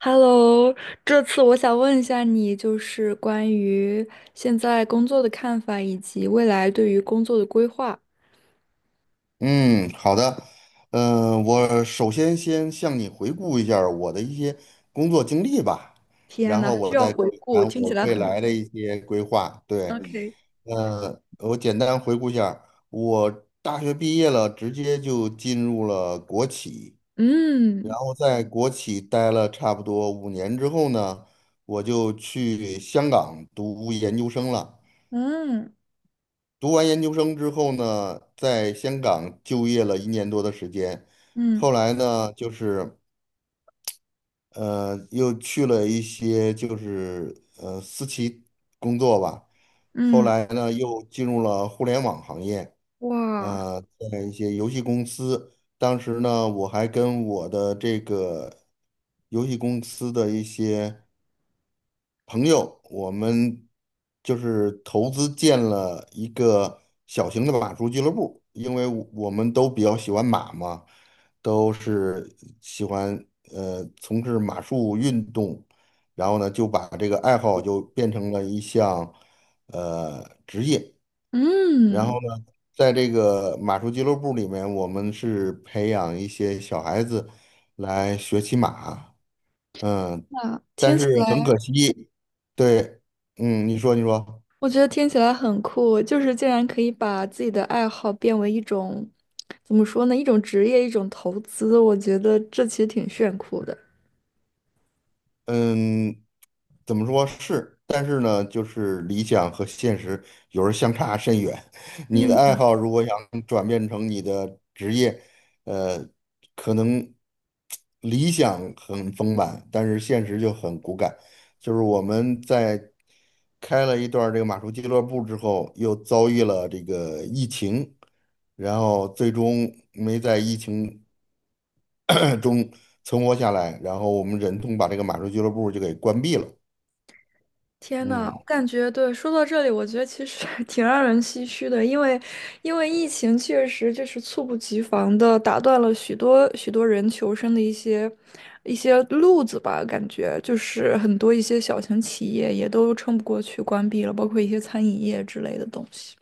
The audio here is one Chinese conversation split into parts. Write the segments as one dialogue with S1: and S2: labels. S1: Hello，这次我想问一下你，就是关于现在工作的看法，以及未来对于工作的规划。
S2: 嗯，好的。嗯，我首先向你回顾一下儿我的一些工作经历吧，
S1: 天
S2: 然
S1: 呐，
S2: 后
S1: 还需
S2: 我
S1: 要
S2: 再
S1: 回顾，
S2: 谈
S1: 听起
S2: 我
S1: 来
S2: 未
S1: 很
S2: 来的一些规划。对，
S1: OK。
S2: 我简单回顾一下儿我大学毕业了，直接就进入了国企。
S1: 嗯
S2: 然后在国企待了差不多5年之后呢，我就去香港读研究生了。
S1: 嗯
S2: 读完研究生之后呢，在香港就业了1年多的时间，
S1: 嗯
S2: 后来呢，就是又去了一些就是私企工作吧，后
S1: 嗯，
S2: 来呢，又进入了互联网行业，
S1: 哇，
S2: 呃，在一些游戏公司，当时呢，我还跟我的这个游戏公司的一些朋友，我们就是投资建了一个小型的马术俱乐部，因为我们都比较喜欢马嘛，都是喜欢从事马术运动，然后呢就把这个爱好就变成了一项职业，然
S1: 嗯，
S2: 后呢在这个马术俱乐部里面，我们是培养一些小孩子来学骑马。嗯，
S1: 那
S2: 但
S1: 听
S2: 是
S1: 起
S2: 很可
S1: 来，
S2: 惜，对，嗯，你说你说，
S1: 我觉得听起来很酷，就是竟然可以把自己的爱好变为一种，怎么说呢，一种职业，一种投资，我觉得这其实挺炫酷的。
S2: 嗯，怎么说是，但是呢，就是理想和现实有时候相差甚远。你的爱
S1: 嗯。
S2: 好如果想转变成你的职业，呃，可能理想很丰满，但是现实就很骨感。就是我们在开了一段儿这个马术俱乐部之后，又遭遇了这个疫情，然后最终没在疫情 中存活下来，然后我们忍痛把这个马术俱乐部就给关闭了。
S1: 天呐，
S2: 嗯
S1: 我感觉对，说到这里，我觉得其实 挺让人唏嘘的，因为疫情确实就是猝不及防的打断了许多许多人求生的一些路子吧，感觉就是很多一些小型企业也都撑不过去，关闭了，包括一些餐饮业之类的东西。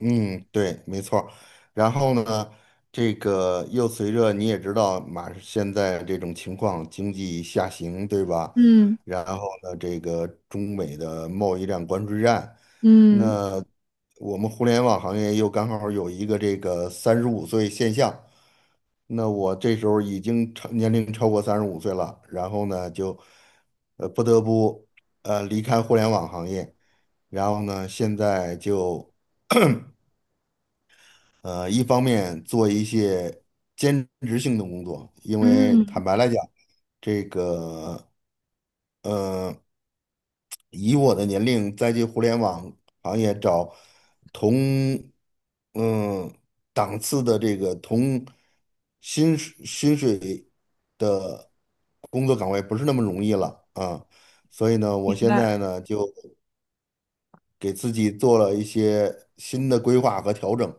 S2: 嗯，对，没错儿。然后呢，这个又随着你也知道，马现在这种情况，经济下行，对吧？
S1: 嗯
S2: 然后呢，这个中美的贸易战、关税战，
S1: 嗯
S2: 那我们互联网行业又刚好有一个这个三十五岁现象，那我这时候已经超年龄超过三十五岁了，然后呢就，不得不离开互联网行业，然后呢现在就一方面做一些兼职性的工作，因为坦
S1: 嗯，
S2: 白来讲，这个呃以我的年龄再去互联网行业找同嗯档次的这个同薪水。工作岗位不是那么容易了啊，所以呢，
S1: 明
S2: 我现在
S1: 白。
S2: 呢就给自己做了一些新的规划和调整，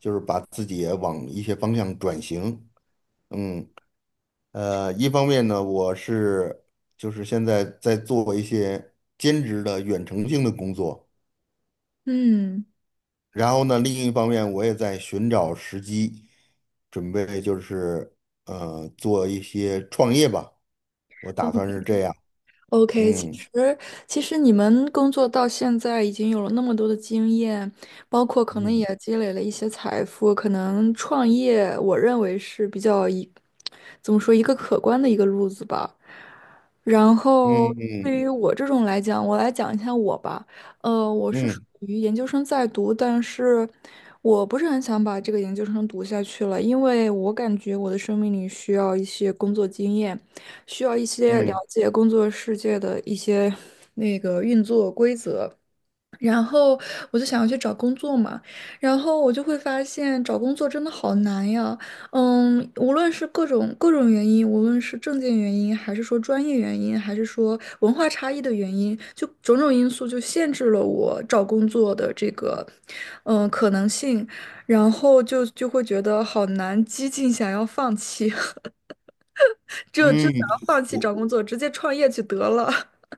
S2: 就是把自己也往一些方向转型。嗯，一方面呢，我是就是现在在做一些兼职的远程性的工作，
S1: 嗯。
S2: 然后呢，另一方面我也在寻找时机，准备就是做一些创业吧，我打算是这样。
S1: OK，其
S2: 嗯
S1: 实其实你们工作到现在已经有了那么多的经验，包括可能也
S2: 嗯
S1: 积累了一些财富，可能创业，我认为是比较一，怎么说一个可观的一个路子吧。然后
S2: 嗯。
S1: 对于
S2: 嗯
S1: 我这种来讲，我来讲一下我吧。我是属
S2: 嗯
S1: 于研究生在读，但是我不是很想把这个研究生读下去了，因为我感觉我的生命里需要一些工作经验。需要一些了
S2: 嗯
S1: 解工作世界的一些那个运作规则。然后我就想要去找工作嘛，然后我就会发现找工作真的好难呀。嗯，无论是各种各种原因，无论是证件原因，还是说专业原因，还是说文化差异的原因，就种种因素就限制了我找工作的这个可能性，然后就会觉得好难，激进想要放弃。就想
S2: 嗯，
S1: 要放弃找工作，直接创业去得了。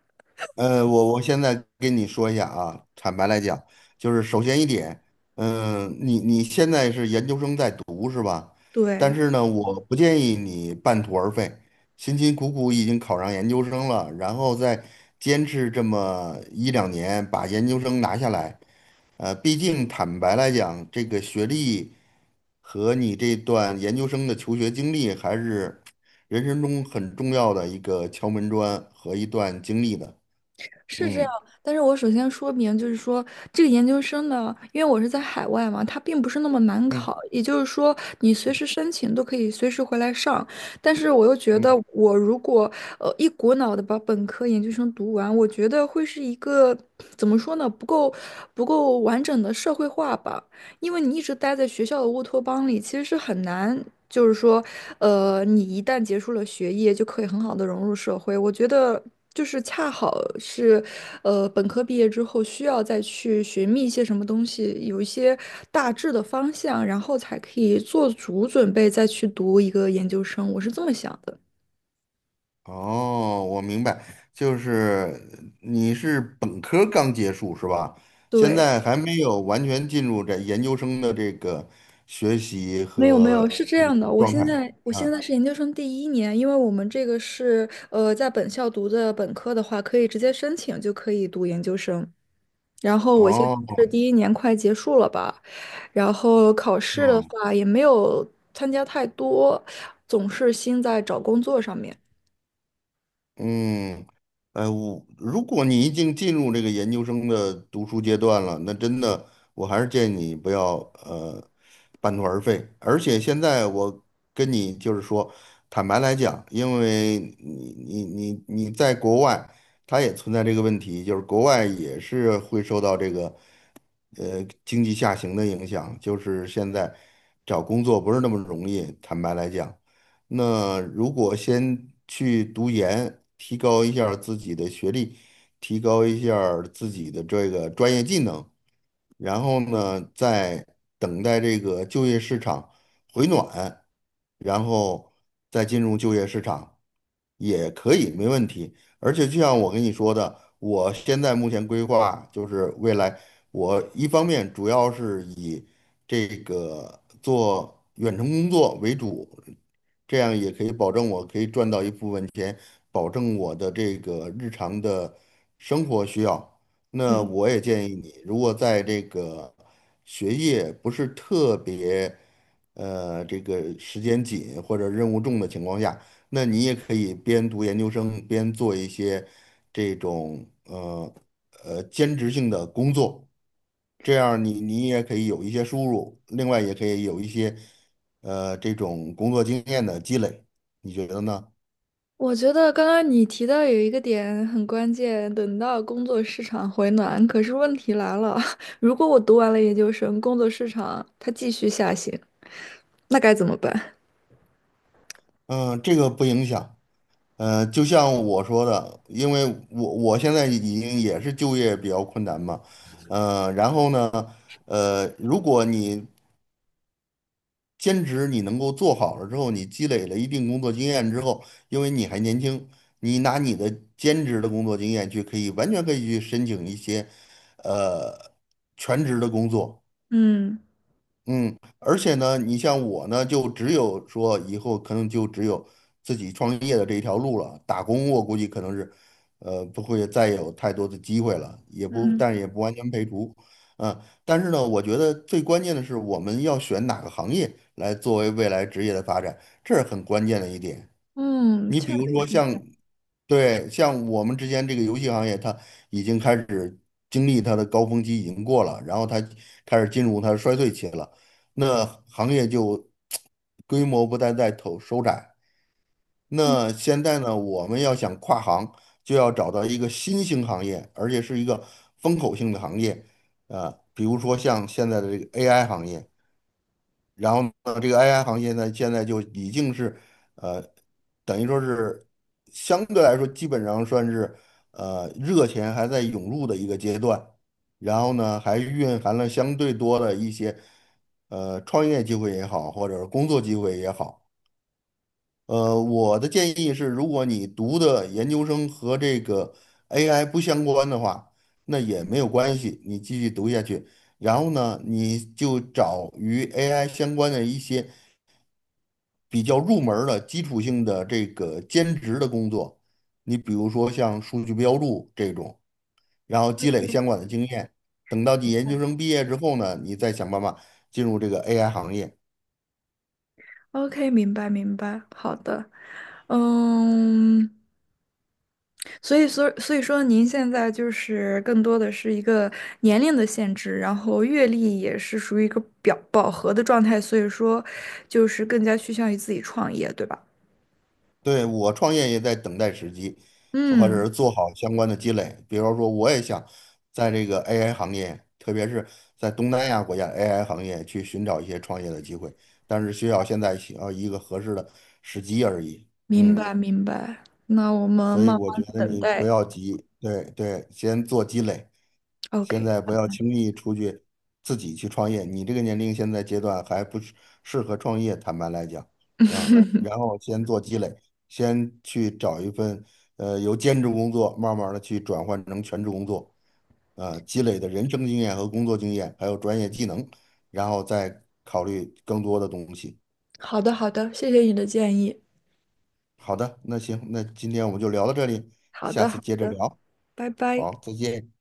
S2: 我现在跟你说一下啊，坦白来讲，就是首先一点，嗯、你现在是研究生在读是吧？但
S1: 对，
S2: 是呢，我不建议你半途而废，辛辛苦苦已经考上研究生了，然后再坚持这么一两年把研究生拿下来，毕竟坦白来讲，这个学历和你这段研究生的求学经历还是人生中很重要的一个敲门砖和一段经历的。
S1: 是这样。
S2: 嗯
S1: 但是我首先说明，就是说这个研究生呢，因为我是在海外嘛，它并不是那么难
S2: 嗯
S1: 考。也就是说，你随时申请都可以随时回来上。但是我又觉得，
S2: 嗯，
S1: 我如果一股脑的把本科研究生读完，我觉得会是一个怎么说呢，不够完整的社会化吧。因为你一直待在学校的乌托邦里，其实是很难，就是说，你一旦结束了学业，就可以很好的融入社会。我觉得就是恰好是，本科毕业之后需要再去寻觅一些什么东西，有一些大致的方向，然后才可以做足准备再去读一个研究生。我是这么想的。
S2: 哦，我明白，就是你是本科刚结束是吧？现
S1: 对，
S2: 在还没有完全进入这研究生的这个学习
S1: 没有没
S2: 和
S1: 有，是这
S2: 这
S1: 样
S2: 个
S1: 的，我
S2: 状
S1: 现
S2: 态
S1: 在我现
S2: 啊。
S1: 在是研究生第一年，因为我们这个是在本校读的本科的话，可以直接申请就可以读研究生。然后我现
S2: 哦，
S1: 在是第一年快结束了吧，然后考试的
S2: 哦
S1: 话也没有参加太多，总是心在找工作上面。
S2: 嗯，哎，我如果你已经进入这个研究生的读书阶段了，那真的，我还是建议你不要呃半途而废。而且现在我跟你就是说，坦白来讲，因为你在国外，他也存在这个问题，就是国外也是会受到这个经济下行的影响，就是现在找工作不是那么容易，坦白来讲。那如果先去读研，提高一下儿自己的学历，提高一下儿自己的这个专业技能，然后呢，再等待这个就业市场回暖，然后再进入就业市场也可以，没问题。而且就像我跟你说的，我现在目前规划就是未来，我一方面主要是以这个做远程工作为主，这样也可以保证我可以赚到一部分钱，保证我的这个日常的生活需要。那
S1: 嗯，
S2: 我也建议你，如果在这个学业不是特别，这个时间紧或者任务重的情况下，那你也可以边读研究生边做一些这种兼职性的工作，这样你也可以有一些收入，另外也可以有一些这种工作经验的积累，你觉得呢？
S1: 我觉得刚刚你提到有一个点很关键，等到工作市场回暖，可是问题来了，如果我读完了研究生，工作市场它继续下行。那该怎么办？
S2: 嗯、这个不影响。就像我说的，因为我现在已经也是就业比较困难嘛，然后呢，如果你兼职你能够做好了之后，你积累了一定工作经验之后，因为你还年轻，你拿你的兼职的工作经验去，可以完全可以去申请一些，呃，全职的工作。
S1: 嗯
S2: 嗯，而且呢，你像我呢，就只有说以后可能就只有自己创业的这一条路了。打工我估计可能是，不会再有太多的机会了，也不，
S1: 嗯
S2: 但也不完全排除。嗯，但是呢，我觉得最关键的是我们要选哪个行业来作为未来职业的发展，这是很关键的一点。
S1: 嗯，
S2: 你
S1: 这
S2: 比如说像，对，像我们之间这个游戏行业，它已经开始经历它的高峰期已经过了，然后它开始进入它的衰退期了，那行业就 规模不断在投收窄。
S1: 嗯
S2: 那现在呢，我们要想跨行，就要找到一个新兴行业，而且是一个风口性的行业，啊、比如说像现在的这个 AI 行业。然后呢，这个 AI 行业呢，现在就已经是，呃，等于说是相对来说，基本上算是，热钱还在涌入的一个阶段。然后呢，还蕴含了相对多的一些，创业机会也好，或者是工作机会也好。我的建议是，如果你读的研究生和这个 AI 不相关的话，那也没有关系，你继续读下去。然后呢，你就找与 AI 相关的一些比较入门儿的基础性的这个兼职的工作，你比如说像数据标注这种，然后积累相关的经验，等到你研究生毕业之后呢，你再想办法进入这个 AI 行业。
S1: ，OK，明白明白，好的，嗯，所以说您现在就是更多的是一个年龄的限制，然后阅历也是属于一个表饱和的状态，所以说就是更加趋向于自己创业，对吧？
S2: 对，我创业也在等待时机，或
S1: 嗯，
S2: 者是做好相关的积累。比如说，我也想在这个 AI 行业，特别是在东南亚国家 AI 行业去寻找一些创业的机会，但是需要现在需要一个合适的时机而已。
S1: 明
S2: 嗯。
S1: 白明白，那我们
S2: 所以
S1: 慢
S2: 我觉
S1: 慢
S2: 得
S1: 等
S2: 你不
S1: 待。
S2: 要急，对对，先做积累，现
S1: OK，
S2: 在不要轻易出去自己去创业。你这个年龄现在阶段还不是适合创业，坦白来讲，啊，然后先做积累，先去找一份由兼职工作慢慢的去转换成全职工作，积累的人生经验和工作经验，还有专业技能，然后再考虑更多的东西。
S1: 好的好的，谢谢你的建议。
S2: 好的，那行，那今天我们就聊到这里，
S1: 好
S2: 下
S1: 的
S2: 次
S1: 好
S2: 接着
S1: 的，
S2: 聊，
S1: 拜拜。
S2: 好，再见。